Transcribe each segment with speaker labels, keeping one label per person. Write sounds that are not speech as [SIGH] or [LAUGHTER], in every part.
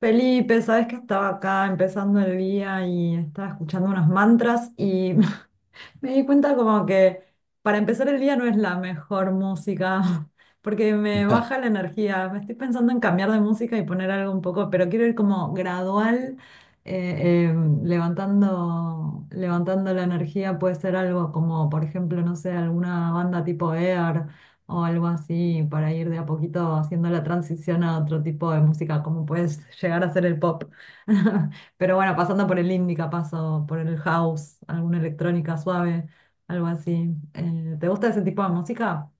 Speaker 1: Felipe, sabes que estaba acá empezando el día y estaba escuchando unos mantras y [LAUGHS] me di cuenta como que para empezar el día no es la mejor música, [LAUGHS] porque me baja la energía. Me estoy pensando en cambiar de música y poner algo un poco, pero quiero ir como gradual, eh, eh, levantando, levantando la energía. Puede ser algo como, por ejemplo, no sé, alguna banda tipo Air o algo así, para ir de a poquito haciendo la transición a otro tipo de música, como puedes llegar a ser el pop. [LAUGHS] Pero bueno, pasando por el indica, paso por el house, alguna electrónica suave, algo así. ¿Te gusta ese tipo de música?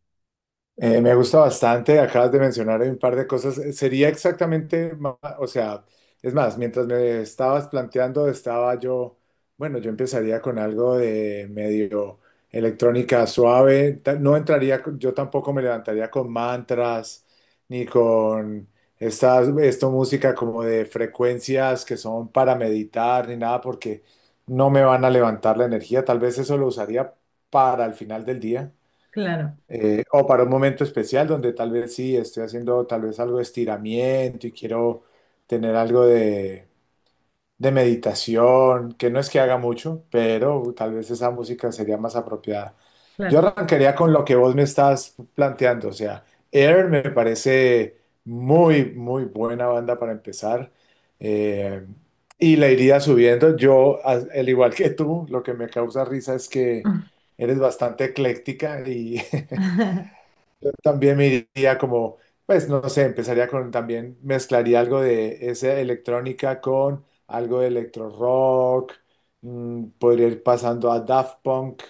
Speaker 2: Me gusta bastante, acabas de mencionar un par de cosas. Sería exactamente, o sea, es más, mientras me estabas planteando, estaba yo, bueno, yo empezaría con algo de medio electrónica suave. No entraría, yo tampoco me levantaría con mantras, ni con esto música como de frecuencias que son para meditar, ni nada, porque no me van a levantar la energía. Tal vez eso lo usaría para el final del día.
Speaker 1: Claro,
Speaker 2: O para un momento especial donde tal vez sí, estoy haciendo tal vez algo de estiramiento y quiero tener algo de meditación, que no es que haga mucho, pero tal vez esa música sería más apropiada. Yo
Speaker 1: claro.
Speaker 2: arrancaría con lo que vos me estás planteando, o sea, Air me parece muy, muy buena banda para empezar, eh, y la iría subiendo. Yo, al igual que tú, lo que me causa risa es que eres bastante ecléctica y [LAUGHS]
Speaker 1: [LAUGHS]
Speaker 2: también me iría como, pues no sé, empezaría con también, mezclaría algo de esa electrónica con algo de electro rock. Podría ir pasando a Daft Punk.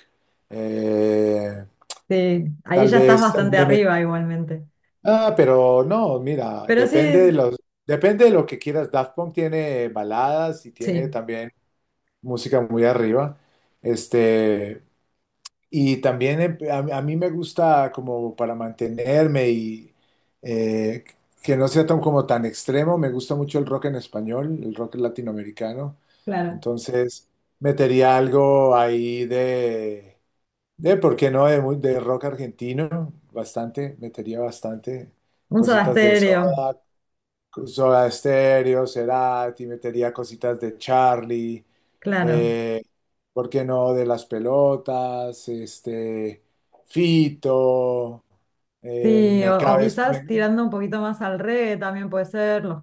Speaker 2: Eh,
Speaker 1: Sí, ahí
Speaker 2: tal
Speaker 1: ya estás
Speaker 2: vez
Speaker 1: bastante
Speaker 2: le met-
Speaker 1: arriba igualmente.
Speaker 2: Ah, pero no, mira,
Speaker 1: Pero sí,
Speaker 2: depende de lo que quieras. Daft Punk tiene baladas y tiene
Speaker 1: sí,
Speaker 2: también música muy arriba. Este, y también a mí me gusta como para mantenerme, eh, que no sea tan como tan extremo, me gusta mucho el rock en español, el rock latinoamericano.
Speaker 1: claro.
Speaker 2: Entonces metería algo ahí de, ¿por qué no? De, de rock argentino, bastante, metería bastante
Speaker 1: Un Soda
Speaker 2: cositas de eso.
Speaker 1: Stereo,
Speaker 2: Soda Stereo, Cerati, metería cositas de Charlie.
Speaker 1: claro.
Speaker 2: Eh, ¿por qué no? De las pelotas. Fito. eh,
Speaker 1: Sí,
Speaker 2: me
Speaker 1: o
Speaker 2: cabes,
Speaker 1: quizás tirando un poquito más al reggae también puede ser, Los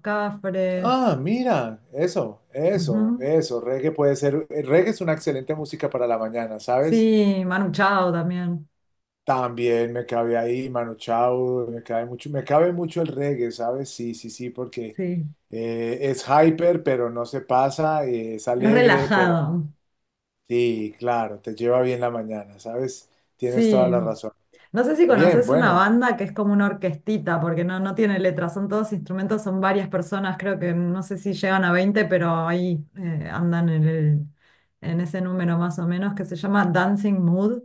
Speaker 2: ah,
Speaker 1: Cafres.
Speaker 2: mira, eso, eso,
Speaker 1: Ujú.
Speaker 2: eso, reggae puede ser, el reggae es una excelente música para la mañana, ¿sabes?
Speaker 1: Sí, Manu Chao también.
Speaker 2: También me cabe ahí Manu Chao, me cabe mucho el reggae, ¿sabes? Sí, sí, sí, porque
Speaker 1: Sí,
Speaker 2: es hyper, pero no se pasa, es
Speaker 1: es
Speaker 2: alegre, pero
Speaker 1: relajado.
Speaker 2: sí, claro, te lleva bien la mañana, ¿sabes? Tienes toda
Speaker 1: Sí.
Speaker 2: la razón.
Speaker 1: No sé si
Speaker 2: Bien,
Speaker 1: conoces una
Speaker 2: bueno,
Speaker 1: banda que es como una orquestita, porque no, no tiene letras, son todos instrumentos, son varias personas, creo que no sé si llegan a 20, pero ahí andan en el, en ese número más o menos, que se llama Dancing Mood,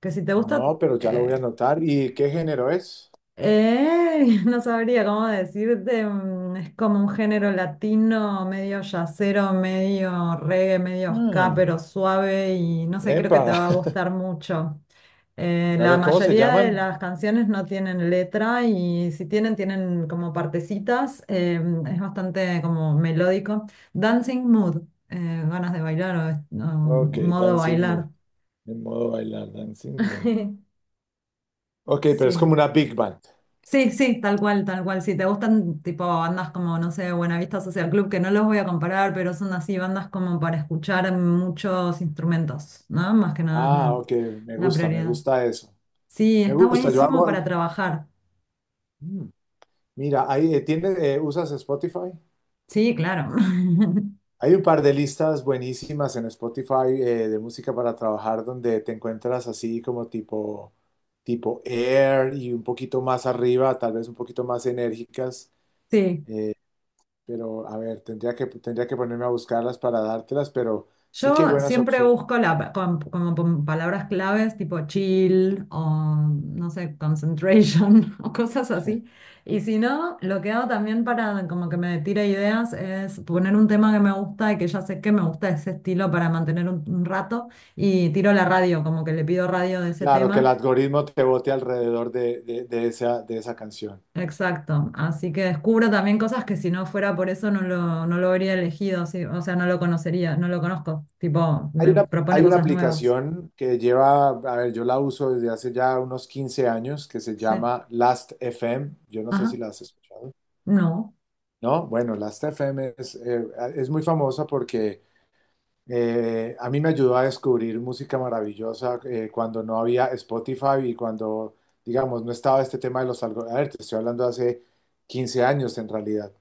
Speaker 1: que si te gusta,
Speaker 2: no, pero ya lo voy a
Speaker 1: eh,
Speaker 2: anotar. ¿Y qué género es?
Speaker 1: [LAUGHS] no sabría cómo decirte, mm, es como un género latino, medio yacero, medio reggae, medio ska,
Speaker 2: Mm,
Speaker 1: pero suave y no sé, creo que
Speaker 2: Epa.
Speaker 1: te va a gustar mucho.
Speaker 2: [LAUGHS] A
Speaker 1: La
Speaker 2: ver, ¿cómo se
Speaker 1: mayoría de
Speaker 2: llaman?
Speaker 1: las canciones no tienen letra y si tienen, tienen como partecitas. Es bastante como melódico. Dancing mood, ganas de bailar o
Speaker 2: Ok,
Speaker 1: modo
Speaker 2: Dancing Mood,
Speaker 1: bailar.
Speaker 2: en modo bailar, Dancing Mood.
Speaker 1: [LAUGHS]
Speaker 2: Ok, pero es como
Speaker 1: Sí.
Speaker 2: una big band.
Speaker 1: Sí, sí, tal cual, tal cual. Si te gustan tipo bandas como, no sé, Buenavista Social Club, que no los voy a comparar, pero son así bandas como para escuchar muchos instrumentos, ¿no? Más que nada es
Speaker 2: Ah,
Speaker 1: la,
Speaker 2: ok,
Speaker 1: la
Speaker 2: me
Speaker 1: prioridad.
Speaker 2: gusta eso.
Speaker 1: Sí,
Speaker 2: Me
Speaker 1: está
Speaker 2: gusta, yo
Speaker 1: buenísimo
Speaker 2: hago.
Speaker 1: para trabajar.
Speaker 2: Mm, mira, ahí, tiene, ¿usas Spotify?
Speaker 1: Sí, claro. [LAUGHS]
Speaker 2: Hay un par de listas buenísimas en Spotify, de música para trabajar donde te encuentras así como tipo Air y un poquito más arriba, tal vez un poquito más enérgicas,
Speaker 1: Sí,
Speaker 2: pero a ver, tendría que ponerme a buscarlas para dártelas, pero sí que hay
Speaker 1: yo
Speaker 2: buenas
Speaker 1: siempre
Speaker 2: opciones.
Speaker 1: busco la, como palabras claves tipo chill o no sé, concentration [LAUGHS] o cosas así. Y si no, lo que hago también para como que me tire ideas es poner un tema que me gusta y que ya sé que me gusta ese estilo para mantener un rato y tiro la radio, como que le pido radio de ese
Speaker 2: Claro, que el
Speaker 1: tema.
Speaker 2: algoritmo te bote alrededor de esa canción.
Speaker 1: Exacto, así que descubro también cosas que si no fuera por eso no lo, no lo habría elegido, sí. O sea, no lo conocería, no lo conozco, tipo, me propone
Speaker 2: Hay una
Speaker 1: cosas nuevas.
Speaker 2: aplicación que lleva, a ver, yo la uso desde hace ya unos 15 años que se
Speaker 1: Sí.
Speaker 2: llama Last FM. Yo no sé
Speaker 1: Ajá,
Speaker 2: si la has escuchado.
Speaker 1: no,
Speaker 2: ¿No? Bueno, Last FM es muy famosa porque, a mí me ayudó a descubrir música maravillosa cuando no había Spotify y cuando, digamos, no estaba este tema de los algoritmos. A ver, te estoy hablando de hace 15 años en realidad.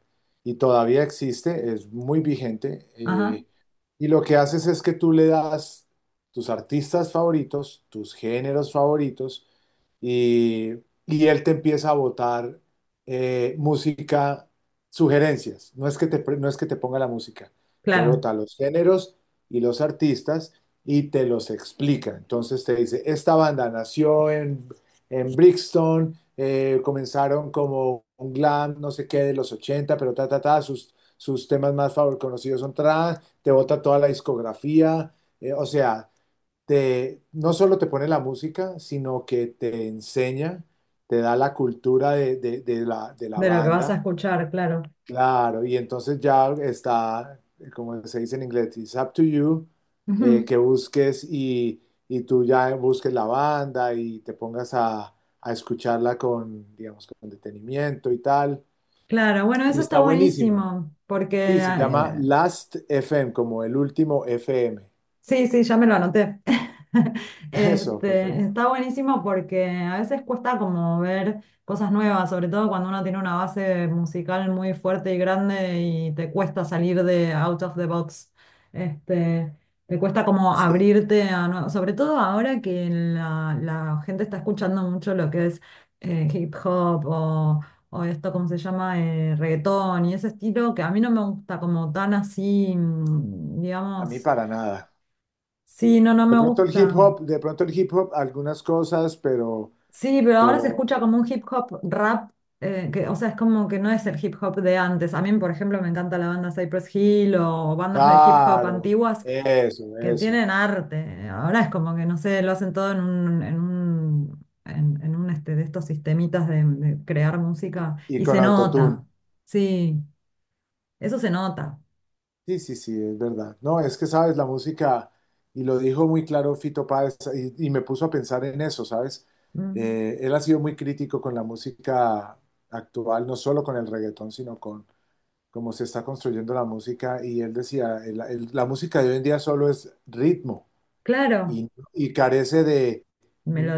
Speaker 2: Y todavía existe, es muy vigente.
Speaker 1: ajá,
Speaker 2: Y lo que haces es que tú le das tus artistas favoritos, tus géneros favoritos, y, y él te empieza a botar música, sugerencias. No es que te, pre- no es que te ponga la música, te
Speaker 1: claro,
Speaker 2: bota los géneros y los artistas y te los explica. Entonces te dice, esta banda nació en Brixton, comenzaron como un glam, no sé qué, de los 80, pero ta, ta, ta, sus temas más favor conocidos son trans, te bota toda la discografía. O sea, te, no solo te pone la música, sino que te enseña, te da la cultura de la
Speaker 1: de lo que vas a
Speaker 2: banda.
Speaker 1: escuchar, claro.
Speaker 2: Claro, y entonces ya está. Como se dice en inglés, "it's up to you", eh,
Speaker 1: Ujú.
Speaker 2: que busques y tú ya busques la banda y te pongas a escucharla con, digamos, con detenimiento y tal.
Speaker 1: Claro, bueno,
Speaker 2: Y
Speaker 1: eso está
Speaker 2: está buenísima.
Speaker 1: buenísimo, porque
Speaker 2: Sí, se llama Last FM, como el último FM.
Speaker 1: sí, sí, ya me lo anoté. [LAUGHS]
Speaker 2: [LAUGHS] Eso,
Speaker 1: Este,
Speaker 2: perfecto.
Speaker 1: está buenísimo porque a veces cuesta como ver cosas nuevas, sobre todo cuando uno tiene una base musical muy fuerte y grande y te cuesta salir de out of the box. Este, te cuesta como
Speaker 2: Sí,
Speaker 1: abrirte a sobre todo ahora que la gente está escuchando mucho lo que es hip hop o esto, ¿cómo se llama? Reggaetón y ese estilo que a mí no me gusta como tan así, mm,
Speaker 2: a mí
Speaker 1: digamos.
Speaker 2: para nada.
Speaker 1: Sí, no, no
Speaker 2: De
Speaker 1: me
Speaker 2: pronto el hip
Speaker 1: gusta.
Speaker 2: hop, de pronto el hip hop, algunas cosas,
Speaker 1: Sí, pero ahora se
Speaker 2: pero,
Speaker 1: escucha como un hip hop rap, que, o sea, es como que no es el hip hop de antes. A mí, por ejemplo, me encanta la banda Cypress Hill o bandas de hip hop
Speaker 2: claro,
Speaker 1: antiguas
Speaker 2: eso,
Speaker 1: que
Speaker 2: eso.
Speaker 1: tienen arte. Ahora es como que, no sé, lo hacen todo en un, en un, en un este, de estos sistemitas de crear música
Speaker 2: Y
Speaker 1: y
Speaker 2: con
Speaker 1: se
Speaker 2: autotune.
Speaker 1: nota. Sí, eso se nota.
Speaker 2: Sí, sí, sí, es verdad. No, es que sabes, la música, y lo dijo muy claro Fito Páez, y me puso a pensar en eso, ¿sabes?
Speaker 1: Mm.
Speaker 2: Él ha sido muy crítico con la música actual, no solo con el reggaetón, sino con cómo se está construyendo la música, y él decía, la música de hoy en día solo es ritmo,
Speaker 1: Claro,
Speaker 2: y carece de,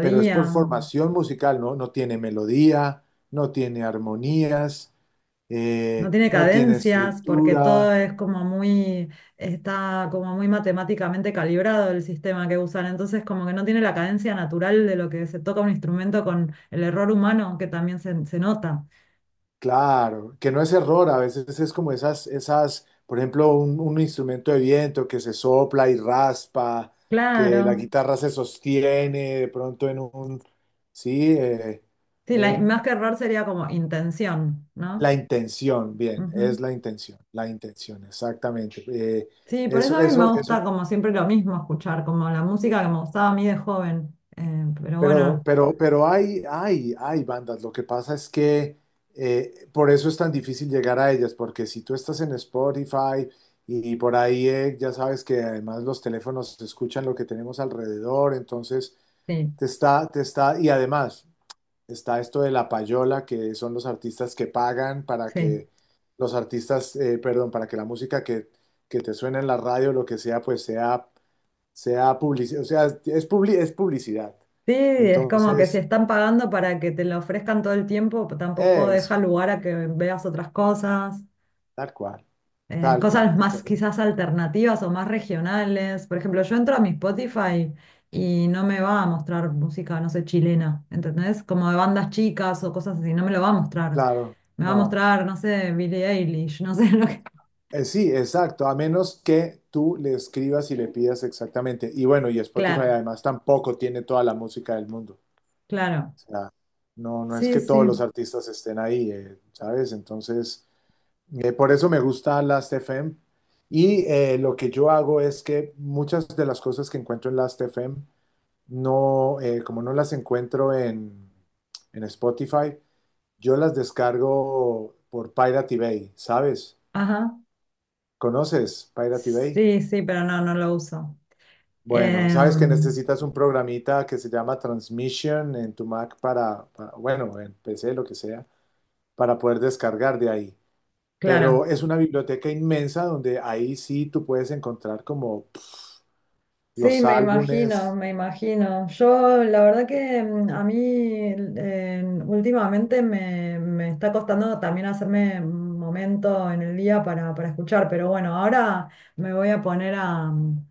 Speaker 2: pero es por formación musical, ¿no? No tiene melodía, no tiene armonías,
Speaker 1: No tiene
Speaker 2: no tiene
Speaker 1: cadencias porque todo
Speaker 2: estructura.
Speaker 1: es como muy, está como muy matemáticamente calibrado el sistema que usan. Entonces como que no tiene la cadencia natural de lo que se toca un instrumento con el error humano que también se nota.
Speaker 2: Claro, que no es error, a veces es como por ejemplo, un instrumento de viento que se sopla y raspa, que la
Speaker 1: Claro.
Speaker 2: guitarra se sostiene de pronto en un, sí. eh,
Speaker 1: Sí,
Speaker 2: eh,
Speaker 1: más que error sería como intención, ¿no?
Speaker 2: la intención, bien,
Speaker 1: Ujú.
Speaker 2: es la intención, exactamente. Eh,
Speaker 1: Sí, por
Speaker 2: eso,
Speaker 1: eso a mí me
Speaker 2: eso, eso.
Speaker 1: gusta como siempre lo mismo escuchar, como la música que me gustaba a mí de joven. Pero
Speaker 2: Pero,
Speaker 1: bueno,
Speaker 2: pero, pero hay bandas. Lo que pasa es que, por eso es tan difícil llegar a ellas, porque si tú estás en Spotify y, por ahí, ya sabes que además los teléfonos escuchan lo que tenemos alrededor, entonces
Speaker 1: sí,
Speaker 2: y además está esto de la payola, que son los artistas que pagan para
Speaker 1: sí.
Speaker 2: que los artistas, perdón, para que la música que te suene en la radio, lo que sea, pues sea publicidad, o sea, es, es publicidad.
Speaker 1: Sí, es como que si
Speaker 2: Entonces,
Speaker 1: están pagando para que te lo ofrezcan todo el tiempo, tampoco
Speaker 2: es
Speaker 1: deja lugar a que veas otras cosas,
Speaker 2: tal cual, tal cual.
Speaker 1: cosas más
Speaker 2: Entonces,
Speaker 1: quizás alternativas o más regionales. Por ejemplo, yo entro a mi Spotify y no me va a mostrar música, no sé, chilena, ¿entendés? Como de bandas chicas o cosas así, no me lo va a mostrar.
Speaker 2: claro,
Speaker 1: Me va a
Speaker 2: no.
Speaker 1: mostrar, no sé, Billie Eilish, no sé [LAUGHS] lo que...
Speaker 2: Sí, exacto, a menos que tú le escribas y le pidas exactamente. Y bueno, y Spotify
Speaker 1: Claro,
Speaker 2: además tampoco tiene toda la música del mundo.
Speaker 1: claro.
Speaker 2: O sea, no, no es
Speaker 1: Sí,
Speaker 2: que todos
Speaker 1: sí.
Speaker 2: los artistas estén ahí, ¿sabes? Entonces, por eso me gusta Last.fm. Y, lo que yo hago es que muchas de las cosas que encuentro en Last.fm no, como no las encuentro en Spotify, yo las descargo por Pirate Bay, ¿sabes?
Speaker 1: Ajá.
Speaker 2: ¿Conoces Pirate Bay?
Speaker 1: Sí, sí, pero no, no lo uso.
Speaker 2: Bueno, sabes que
Speaker 1: Em,
Speaker 2: necesitas un programita que se llama Transmission en tu Mac bueno, en PC, lo que sea, para poder descargar de ahí. Pero
Speaker 1: claro.
Speaker 2: es una biblioteca inmensa donde ahí sí tú puedes encontrar como
Speaker 1: Sí,
Speaker 2: los
Speaker 1: me imagino,
Speaker 2: álbumes.
Speaker 1: me imagino. Yo, la verdad que mm, a mí últimamente me, me está costando también hacerme un momento en el día para escuchar, pero bueno, ahora me voy a poner a, mm,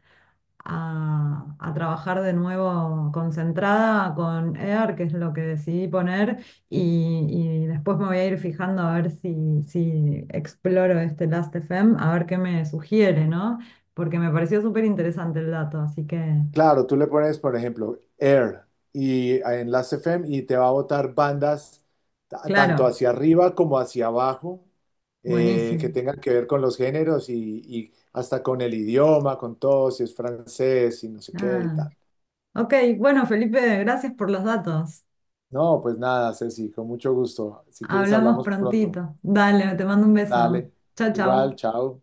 Speaker 1: a trabajar de nuevo concentrada con EAR, que es lo que decidí poner, y después me voy a ir fijando a ver si, si exploro este Last.fm, a ver qué me sugiere, ¿no? Porque me pareció súper interesante el dato, así que,
Speaker 2: Claro, tú le pones, por ejemplo, Air y en las FM y te va a botar bandas, tanto
Speaker 1: claro,
Speaker 2: hacia arriba como hacia abajo, que
Speaker 1: buenísimo.
Speaker 2: tengan que ver con los géneros y hasta con el idioma, con todo, si es francés, si no sé qué y
Speaker 1: Ah,
Speaker 2: tal.
Speaker 1: ok, bueno, Felipe, gracias por los datos.
Speaker 2: No, pues nada, Ceci, con mucho gusto. Si quieres
Speaker 1: Hablamos
Speaker 2: hablamos pronto.
Speaker 1: prontito. Dale, te mando un beso.
Speaker 2: Dale,
Speaker 1: Chao,
Speaker 2: igual,
Speaker 1: chao.
Speaker 2: chao.